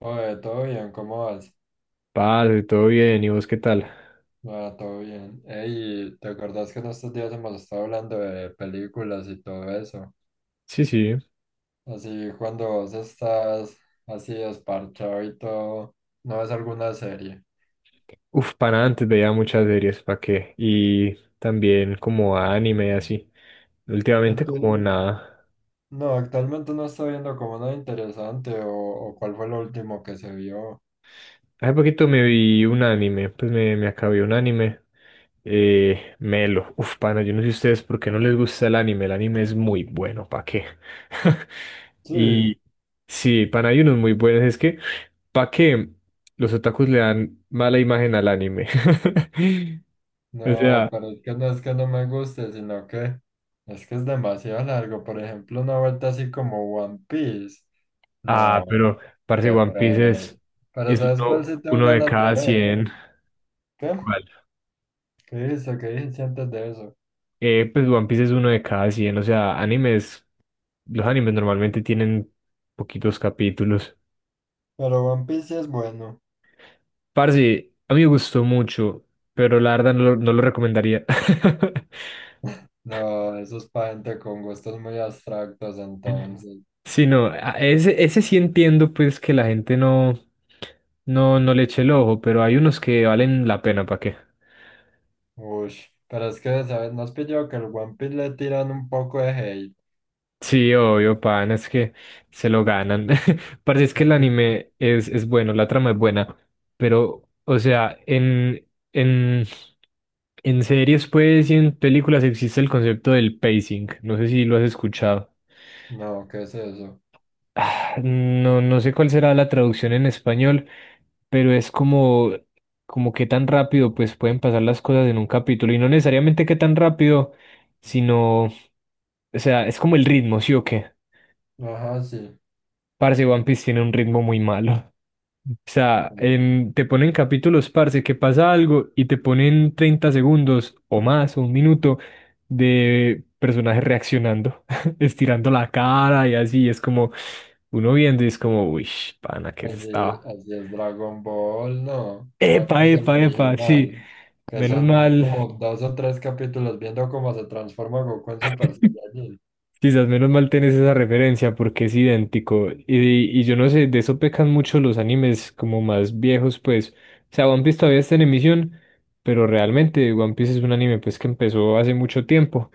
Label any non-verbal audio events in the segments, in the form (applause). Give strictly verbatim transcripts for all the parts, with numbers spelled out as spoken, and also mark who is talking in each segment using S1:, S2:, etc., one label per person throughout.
S1: Oye, todo bien, ¿cómo vas?
S2: Parce, todo bien, ¿y vos qué tal?
S1: Bueno, todo bien. Ey, ¿te acordás que en estos días hemos estado hablando de películas y todo eso?
S2: Sí, sí.
S1: Así, cuando vos estás así desparchado y todo, ¿no ves alguna serie?
S2: Uf, para antes veía muchas series, ¿para qué? Y también como anime y así. Últimamente
S1: Actu-
S2: como nada.
S1: no, actualmente no estoy viendo como nada interesante o, o cuál fue lo último que se vio.
S2: Hace poquito me vi un anime, pues me, me acabé un anime. Eh, Melo. Uf, pana, yo no sé ustedes por qué no les gusta el anime. El anime es muy bueno, ¿para qué? (laughs)
S1: Sí,
S2: Y sí, pana, hay unos muy buenos. Es que, ¿para qué? Los otakus le dan mala imagen al anime. (laughs) O
S1: no,
S2: sea,
S1: pero es que no es que no me guste, sino que es que es demasiado largo. Por ejemplo, una vuelta así como One Piece.
S2: ah,
S1: No,
S2: pero parce
S1: qué
S2: One Piece
S1: pereza.
S2: es,
S1: Pero
S2: es
S1: ¿sabes cuál
S2: uno,
S1: sí tengo
S2: uno de
S1: ganas de
S2: cada
S1: ver?
S2: cien.
S1: ¿Qué?
S2: ¿Cuál?
S1: ¿Qué hizo ¿Qué dijiste antes de eso?
S2: Eh, pues One Piece es uno de cada cien. O sea, animes. Los animes normalmente tienen poquitos capítulos.
S1: Pero One Piece sí es bueno.
S2: Parce, a mí me gustó mucho, pero la verdad no lo, no lo recomendaría. (laughs)
S1: No, eso es para gente con gustos muy abstractos entonces.
S2: Sí, no, a- ese, ese sí entiendo pues que la gente no, no, no le eche el ojo, pero hay unos que valen la pena, ¿para qué?
S1: Uy, pero es que, ¿sabes? ¿No has pillado que el One Piece le tiran un poco de hate?
S2: Sí, obvio, pan, es que se lo ganan. (laughs) Parece es que
S1: No Es
S2: el
S1: que-
S2: anime es, es bueno, la trama es buena, pero, o sea, en, en, en series, pues, y en películas existe el concepto del pacing. No sé si lo has escuchado.
S1: No, ¿qué es eso?
S2: Ah, no, no sé cuál será la traducción en español, pero es como, como qué tan rápido, pues, pueden pasar las cosas en un capítulo. Y no necesariamente qué tan rápido, sino, o sea, es como el ritmo, ¿sí o qué?
S1: Ajá, sí.
S2: Parce, One Piece tiene un ritmo muy malo. O sea, en- te ponen capítulos, parce, que pasa algo y te ponen treinta segundos o más, o un minuto, de personajes reaccionando, (laughs) estirando la cara y así. Es como uno viendo y es como, uy, pana, ¿qué se
S1: Así,
S2: estaba?
S1: así es Dragon Ball, no. ¿Cuál
S2: Epa,
S1: es el
S2: epa, epa, sí.
S1: original? Que
S2: Menos
S1: son
S2: mal,
S1: como dos o tres capítulos viendo cómo se transforma Goku en Super Saiyajin.
S2: Quizás menos mal tenés esa referencia porque es idéntico. Y, y yo no sé, de eso pecan mucho los animes como más viejos, pues. O sea, One Piece todavía está en emisión, pero realmente One Piece es un anime pues que empezó hace mucho tiempo.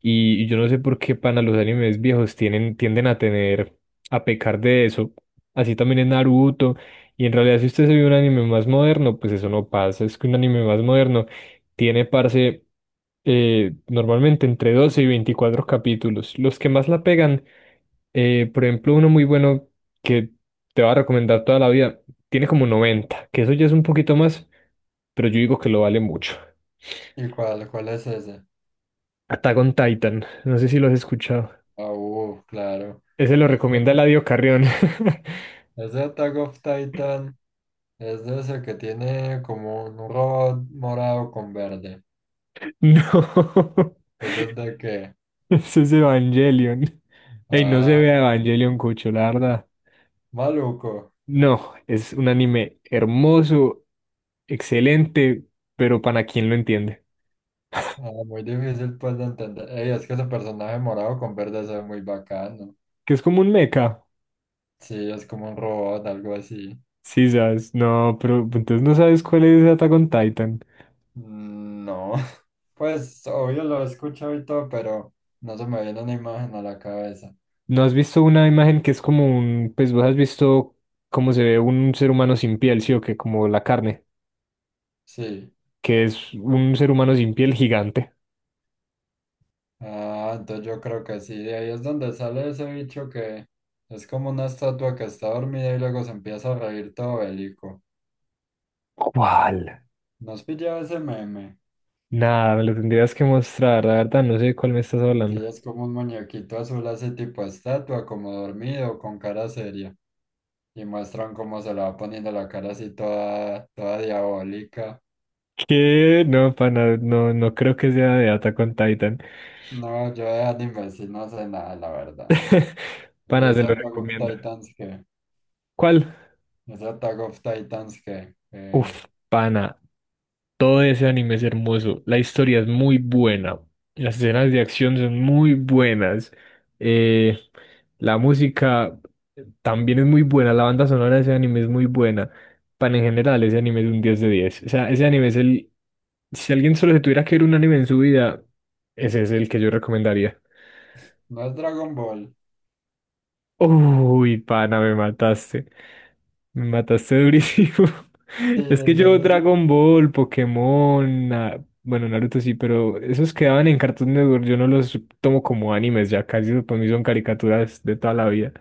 S2: Y, y yo no sé por qué pana los animes viejos tienen, tienden a tener, a pecar de eso. Así también en Naruto. Y en realidad si usted se ve un anime más moderno, pues eso no pasa. Es que un anime más moderno tiene, parce, eh, normalmente entre doce y veinticuatro capítulos. Los que más la pegan, eh, por ejemplo, uno muy bueno que te va a recomendar toda la vida, tiene como noventa que eso ya es un poquito más, pero yo digo que lo vale mucho.
S1: ¿Y cuál, cuál es ese?
S2: Attack on Titan, no sé si lo has escuchado.
S1: Ah, uh, claro.
S2: Ese lo recomienda
S1: Ese,
S2: Eladio Carrión. (laughs)
S1: ese Attack of Titan es de ese que tiene como un robot morado con verde.
S2: No,
S1: ¿Ese es de qué?
S2: (laughs) ese es Evangelion. Ey, no se
S1: Ah,
S2: vea Evangelion, Cucho, la verdad.
S1: maluco.
S2: No, es un anime hermoso, excelente, pero para quien lo entiende.
S1: Ah, muy difícil pues de entender. Ey, es que ese personaje morado con verde se ve muy bacano.
S2: Que es como un mecha.
S1: Sí, es como un robot, algo así.
S2: Sí, sabes, no, pero entonces no sabes cuál es Attack on Titan.
S1: Mm, no. Pues obvio lo he escuchado y todo, pero no se me viene una imagen a la cabeza.
S2: ¿No has visto una imagen que es como un, pues vos has visto cómo se ve un ser humano sin piel, sí o qué, como la carne,
S1: Sí.
S2: que es un ser humano sin piel gigante?
S1: Ah, entonces yo creo que sí. De ahí es donde sale ese bicho que es como una estatua que está dormida y luego se empieza a reír todo bélico.
S2: ¿Cuál?
S1: ¿No has pillado ese meme?
S2: Nada, me lo tendrías que mostrar, la verdad, no sé de cuál me estás hablando.
S1: Sí, es como un muñequito azul así tipo estatua, como dormido, con cara seria. Y muestran cómo se le va poniendo la cara así toda, toda diabólica.
S2: ¿Qué? No, pana, no, no creo que sea de Attack on Titan.
S1: No, yo de anime sí no sé nada, la verdad.
S2: (laughs)
S1: Y
S2: Pana, se
S1: ese
S2: lo
S1: Attack of
S2: recomiendo.
S1: Titans que...
S2: ¿Cuál?
S1: Es Attack of Titans que, eh,
S2: Uf, pana. Todo ese anime es hermoso. La historia es muy buena. Las escenas de acción son muy buenas. eh, la música también es muy buena. La banda sonora de ese anime es muy buena. Pero en general, ese anime es un diez de diez. O sea, ese anime es el... Si alguien solo se tuviera que ver un anime en su vida, ese es el que yo recomendaría.
S1: no es Dragon Ball.
S2: Uy, pana, me mataste. Me mataste durísimo. (laughs)
S1: Sí,
S2: Es que
S1: es de
S2: yo
S1: D C.
S2: Dragon Ball, Pokémon, Na- bueno, Naruto sí, pero esos quedaban en Cartoon Network. Yo no los tomo como animes, ya casi para mí son caricaturas de toda la vida.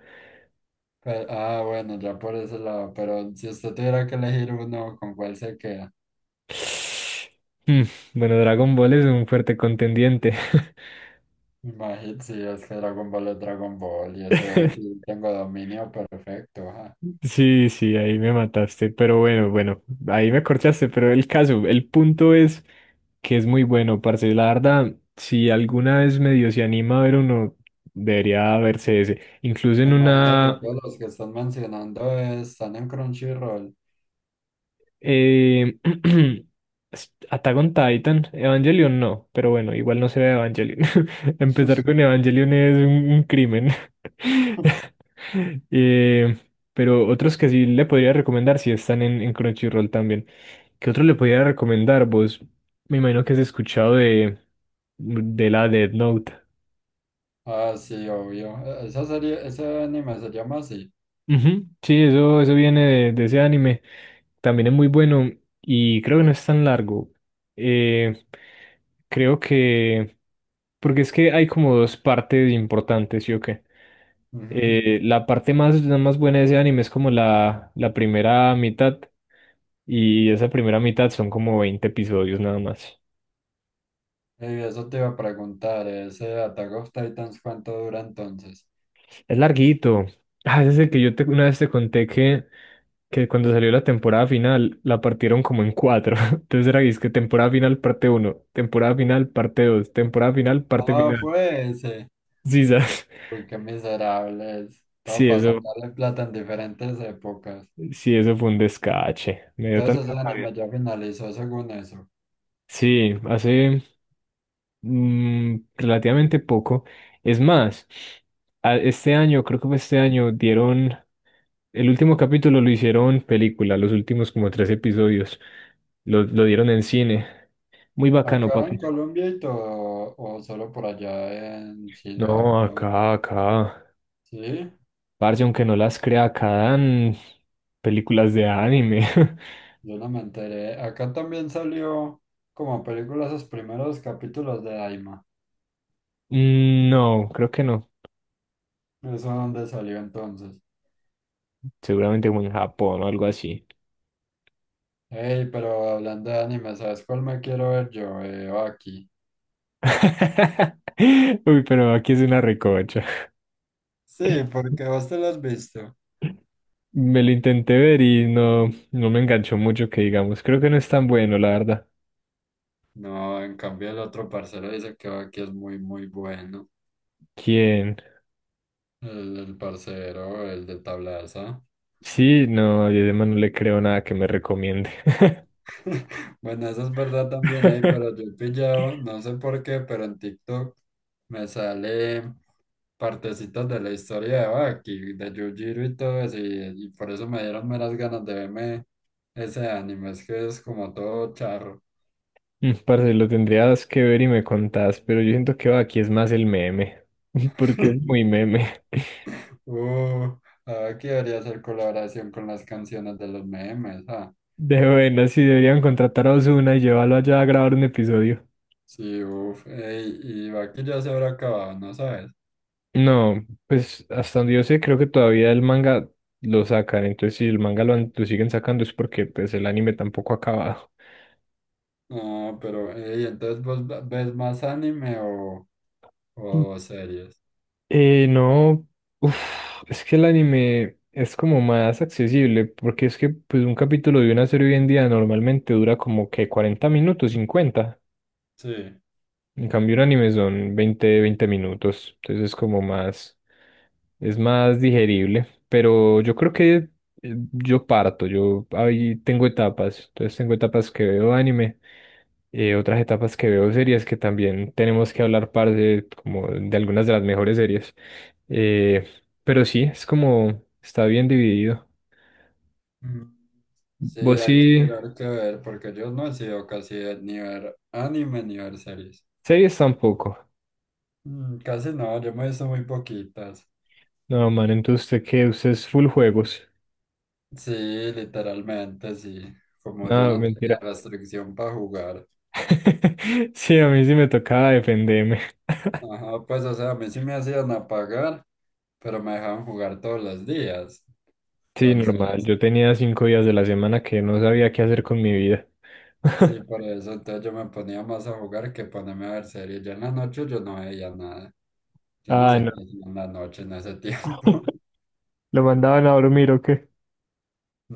S1: Pe- ah, bueno, ya por ese lado, pero si usted tuviera que elegir uno, ¿con cuál se queda?
S2: Mm, Bueno, Dragon Ball es un fuerte contendiente.
S1: Imagínate, si es que Dragon Ball es Dragon Ball y ese sí
S2: (laughs)
S1: tengo dominio perfecto. Ajá.
S2: Sí, sí, ahí me mataste, pero bueno, bueno, ahí me corchaste, pero el caso, el punto es que es muy bueno, parce. La verdad, si alguna vez medio se anima a ver uno, debería verse ese. Incluso
S1: Me
S2: en
S1: imagino que
S2: una...
S1: todos los que están mencionando están en Crunchyroll.
S2: Eh, (clears throat) s- Attack on Titan, Evangelion no, pero bueno, igual no se ve Evangelion. (laughs) Empezar con Evangelion es un, un crimen.
S1: (laughs)
S2: (laughs) Eh, pero otros que sí le podría recomendar, si están en, en Crunchyroll también. ¿Qué otro le podría recomendar? Vos, me imagino que has escuchado de, de la Death Note.
S1: Ah, sí, obvio. E- Esa serie, ese anime se llama así.
S2: Ujú, sí, eso, eso viene de, de ese anime. También es muy bueno y creo que no es tan largo. Eh, Creo que... Porque es que hay como dos partes importantes, ¿sí o qué?
S1: Ujú.
S2: Eh, la parte más, la más buena de ese anime es como la, la primera mitad y esa primera mitad son como veinte episodios nada más.
S1: Y eso te iba a preguntar, ¿ese Attack of Titans cuánto dura entonces?
S2: Es larguito. Ah, ese es el que yo te- una vez te conté que que cuando salió la temporada final la partieron como en cuatro. (laughs) Entonces era que es que temporada final parte uno, temporada final parte dos, temporada final parte
S1: Ah,
S2: final.
S1: fue ese.
S2: Sí, (laughs) ¿sabes?
S1: Uy, qué miserables. Todo
S2: Sí,
S1: para
S2: eso,
S1: sacarle plata en diferentes épocas.
S2: sí, eso fue un descache. Me dio
S1: Entonces
S2: tanta
S1: el
S2: rabia.
S1: anime ya finalizó según eso.
S2: Sí, hace mm, relativamente poco. Es más, a- este año, creo que fue este año, dieron el último capítulo lo hicieron película, los últimos como tres episodios. Lo, lo dieron en cine. Muy bacano,
S1: ¿Acá en
S2: papi.
S1: Colombia y todo, o solo por allá en China,
S2: No,
S1: Japón?
S2: acá, acá.
S1: Sí,
S2: Parce, aunque no las crea, acá dan películas de anime. (laughs)
S1: yo no me enteré. Acá también salió como película los primeros capítulos de Daima.
S2: No, creo que no.
S1: ¿Eso donde salió entonces?
S2: Seguramente como en Japón o algo así.
S1: Hey, pero hablando de anime, ¿sabes cuál me quiero ver yo? Eh, aquí.
S2: (laughs) Uy, pero aquí es una recocha.
S1: Sí, porque vos te lo has visto.
S2: Me lo intenté ver y no, no me enganchó mucho que digamos. Creo que no es tan bueno, la verdad.
S1: No, en cambio el otro parcero dice que aquí es muy, muy bueno.
S2: ¿Quién?
S1: El, el parcero, el de Tablaza.
S2: Sí, no, yo además no le creo nada que me recomiende.
S1: (laughs) Bueno, eso es verdad también ahí, pero
S2: (laughs)
S1: yo he pillado, no sé por qué, pero en TikTok me sale partecitas de la historia de Baki, de Yujiro y todo eso, y, y por eso me dieron meras ganas de verme ese anime, es que es como todo charro.
S2: Mm, Parce, lo tendrías que ver y me contás, pero yo siento que va, aquí es más el meme, (laughs) porque es muy
S1: (laughs)
S2: meme. (laughs)
S1: Uh, ah, aquí debería hacer colaboración con las canciones de los memes, ¿ah?
S2: De buena, si deberían contratar a Ozuna y llevarlo allá a grabar un episodio.
S1: Sí, uff, ey, y va que ya se habrá acabado, ¿no sabes?
S2: No, pues hasta donde yo sé, creo que todavía el manga lo sacan, entonces si el manga lo, han- lo siguen sacando es porque pues el anime tampoco ha acabado.
S1: No, pero, ey, entonces vos ve- ves más anime o,
S2: Mm.
S1: o series.
S2: Eh, no, uf, es que el anime es como más accesible, porque es que pues un capítulo de una serie hoy en día normalmente dura como que cuarenta minutos, cincuenta.
S1: Sí.
S2: En cambio, un anime son veinte veinte minutos, entonces es como más, es más digerible, pero yo creo que eh, yo parto, yo ahí tengo etapas, entonces tengo etapas que veo anime, eh, otras etapas que veo series que también tenemos que hablar, parce, como de algunas de las mejores series, eh, pero sí, es como, está bien dividido.
S1: Mm. Sí,
S2: Vos
S1: hay que
S2: sí,
S1: mirar qué ver, porque yo no he sido casi de ni ver anime ni ver series.
S2: series tampoco,
S1: Mm, casi no, yo me he visto muy poquitas.
S2: no, man, entonces usted qué, usted es full juegos,
S1: Sí, literalmente, sí. Como yo
S2: no,
S1: no tenía
S2: mentira.
S1: restricción para jugar.
S2: (laughs) Sí, a mí sí me tocaba defenderme.
S1: Ajá, pues, o sea, a mí sí me hacían apagar, pero me dejaban jugar todos los días.
S2: Sí, normal.
S1: Entonces.
S2: Yo tenía cinco días de la semana que no sabía qué hacer con mi vida.
S1: Sí, por
S2: (laughs)
S1: eso entonces yo me ponía más a jugar que ponerme a ver series. Yo en la noche yo no veía nada. Yo no
S2: Ah,
S1: sé
S2: no.
S1: qué hacía en la noche en ese tiempo. (laughs)
S2: ¿Lo mandaban a dormir o qué?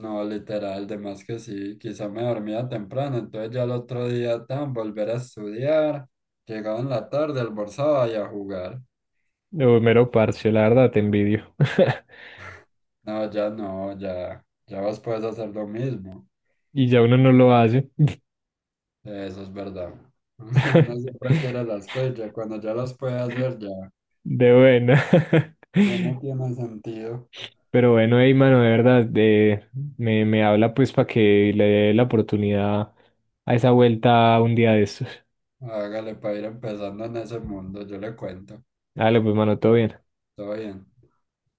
S1: No, literal, de más que sí. Quizá me dormía temprano, entonces ya el otro día tan volver a estudiar. Llegaba en la tarde, almorzaba y a jugar.
S2: No, mero parche, la verdad, te envidio. (laughs)
S1: No, ya no, ya, ya vos puedes hacer lo mismo.
S2: Y ya uno no lo hace.
S1: Eso es verdad. (laughs) No
S2: (laughs)
S1: siempre quiere las cosas, ya cuando ya las puede hacer ya,
S2: De buena. (laughs)
S1: ya no tiene sentido.
S2: Pero bueno, hey, mano, de verdad, de, me, me habla pues para que le dé la oportunidad a esa vuelta un día de estos.
S1: Hágale para ir empezando en ese mundo, yo le cuento.
S2: Dale, pues, mano, todo bien.
S1: Todo bien.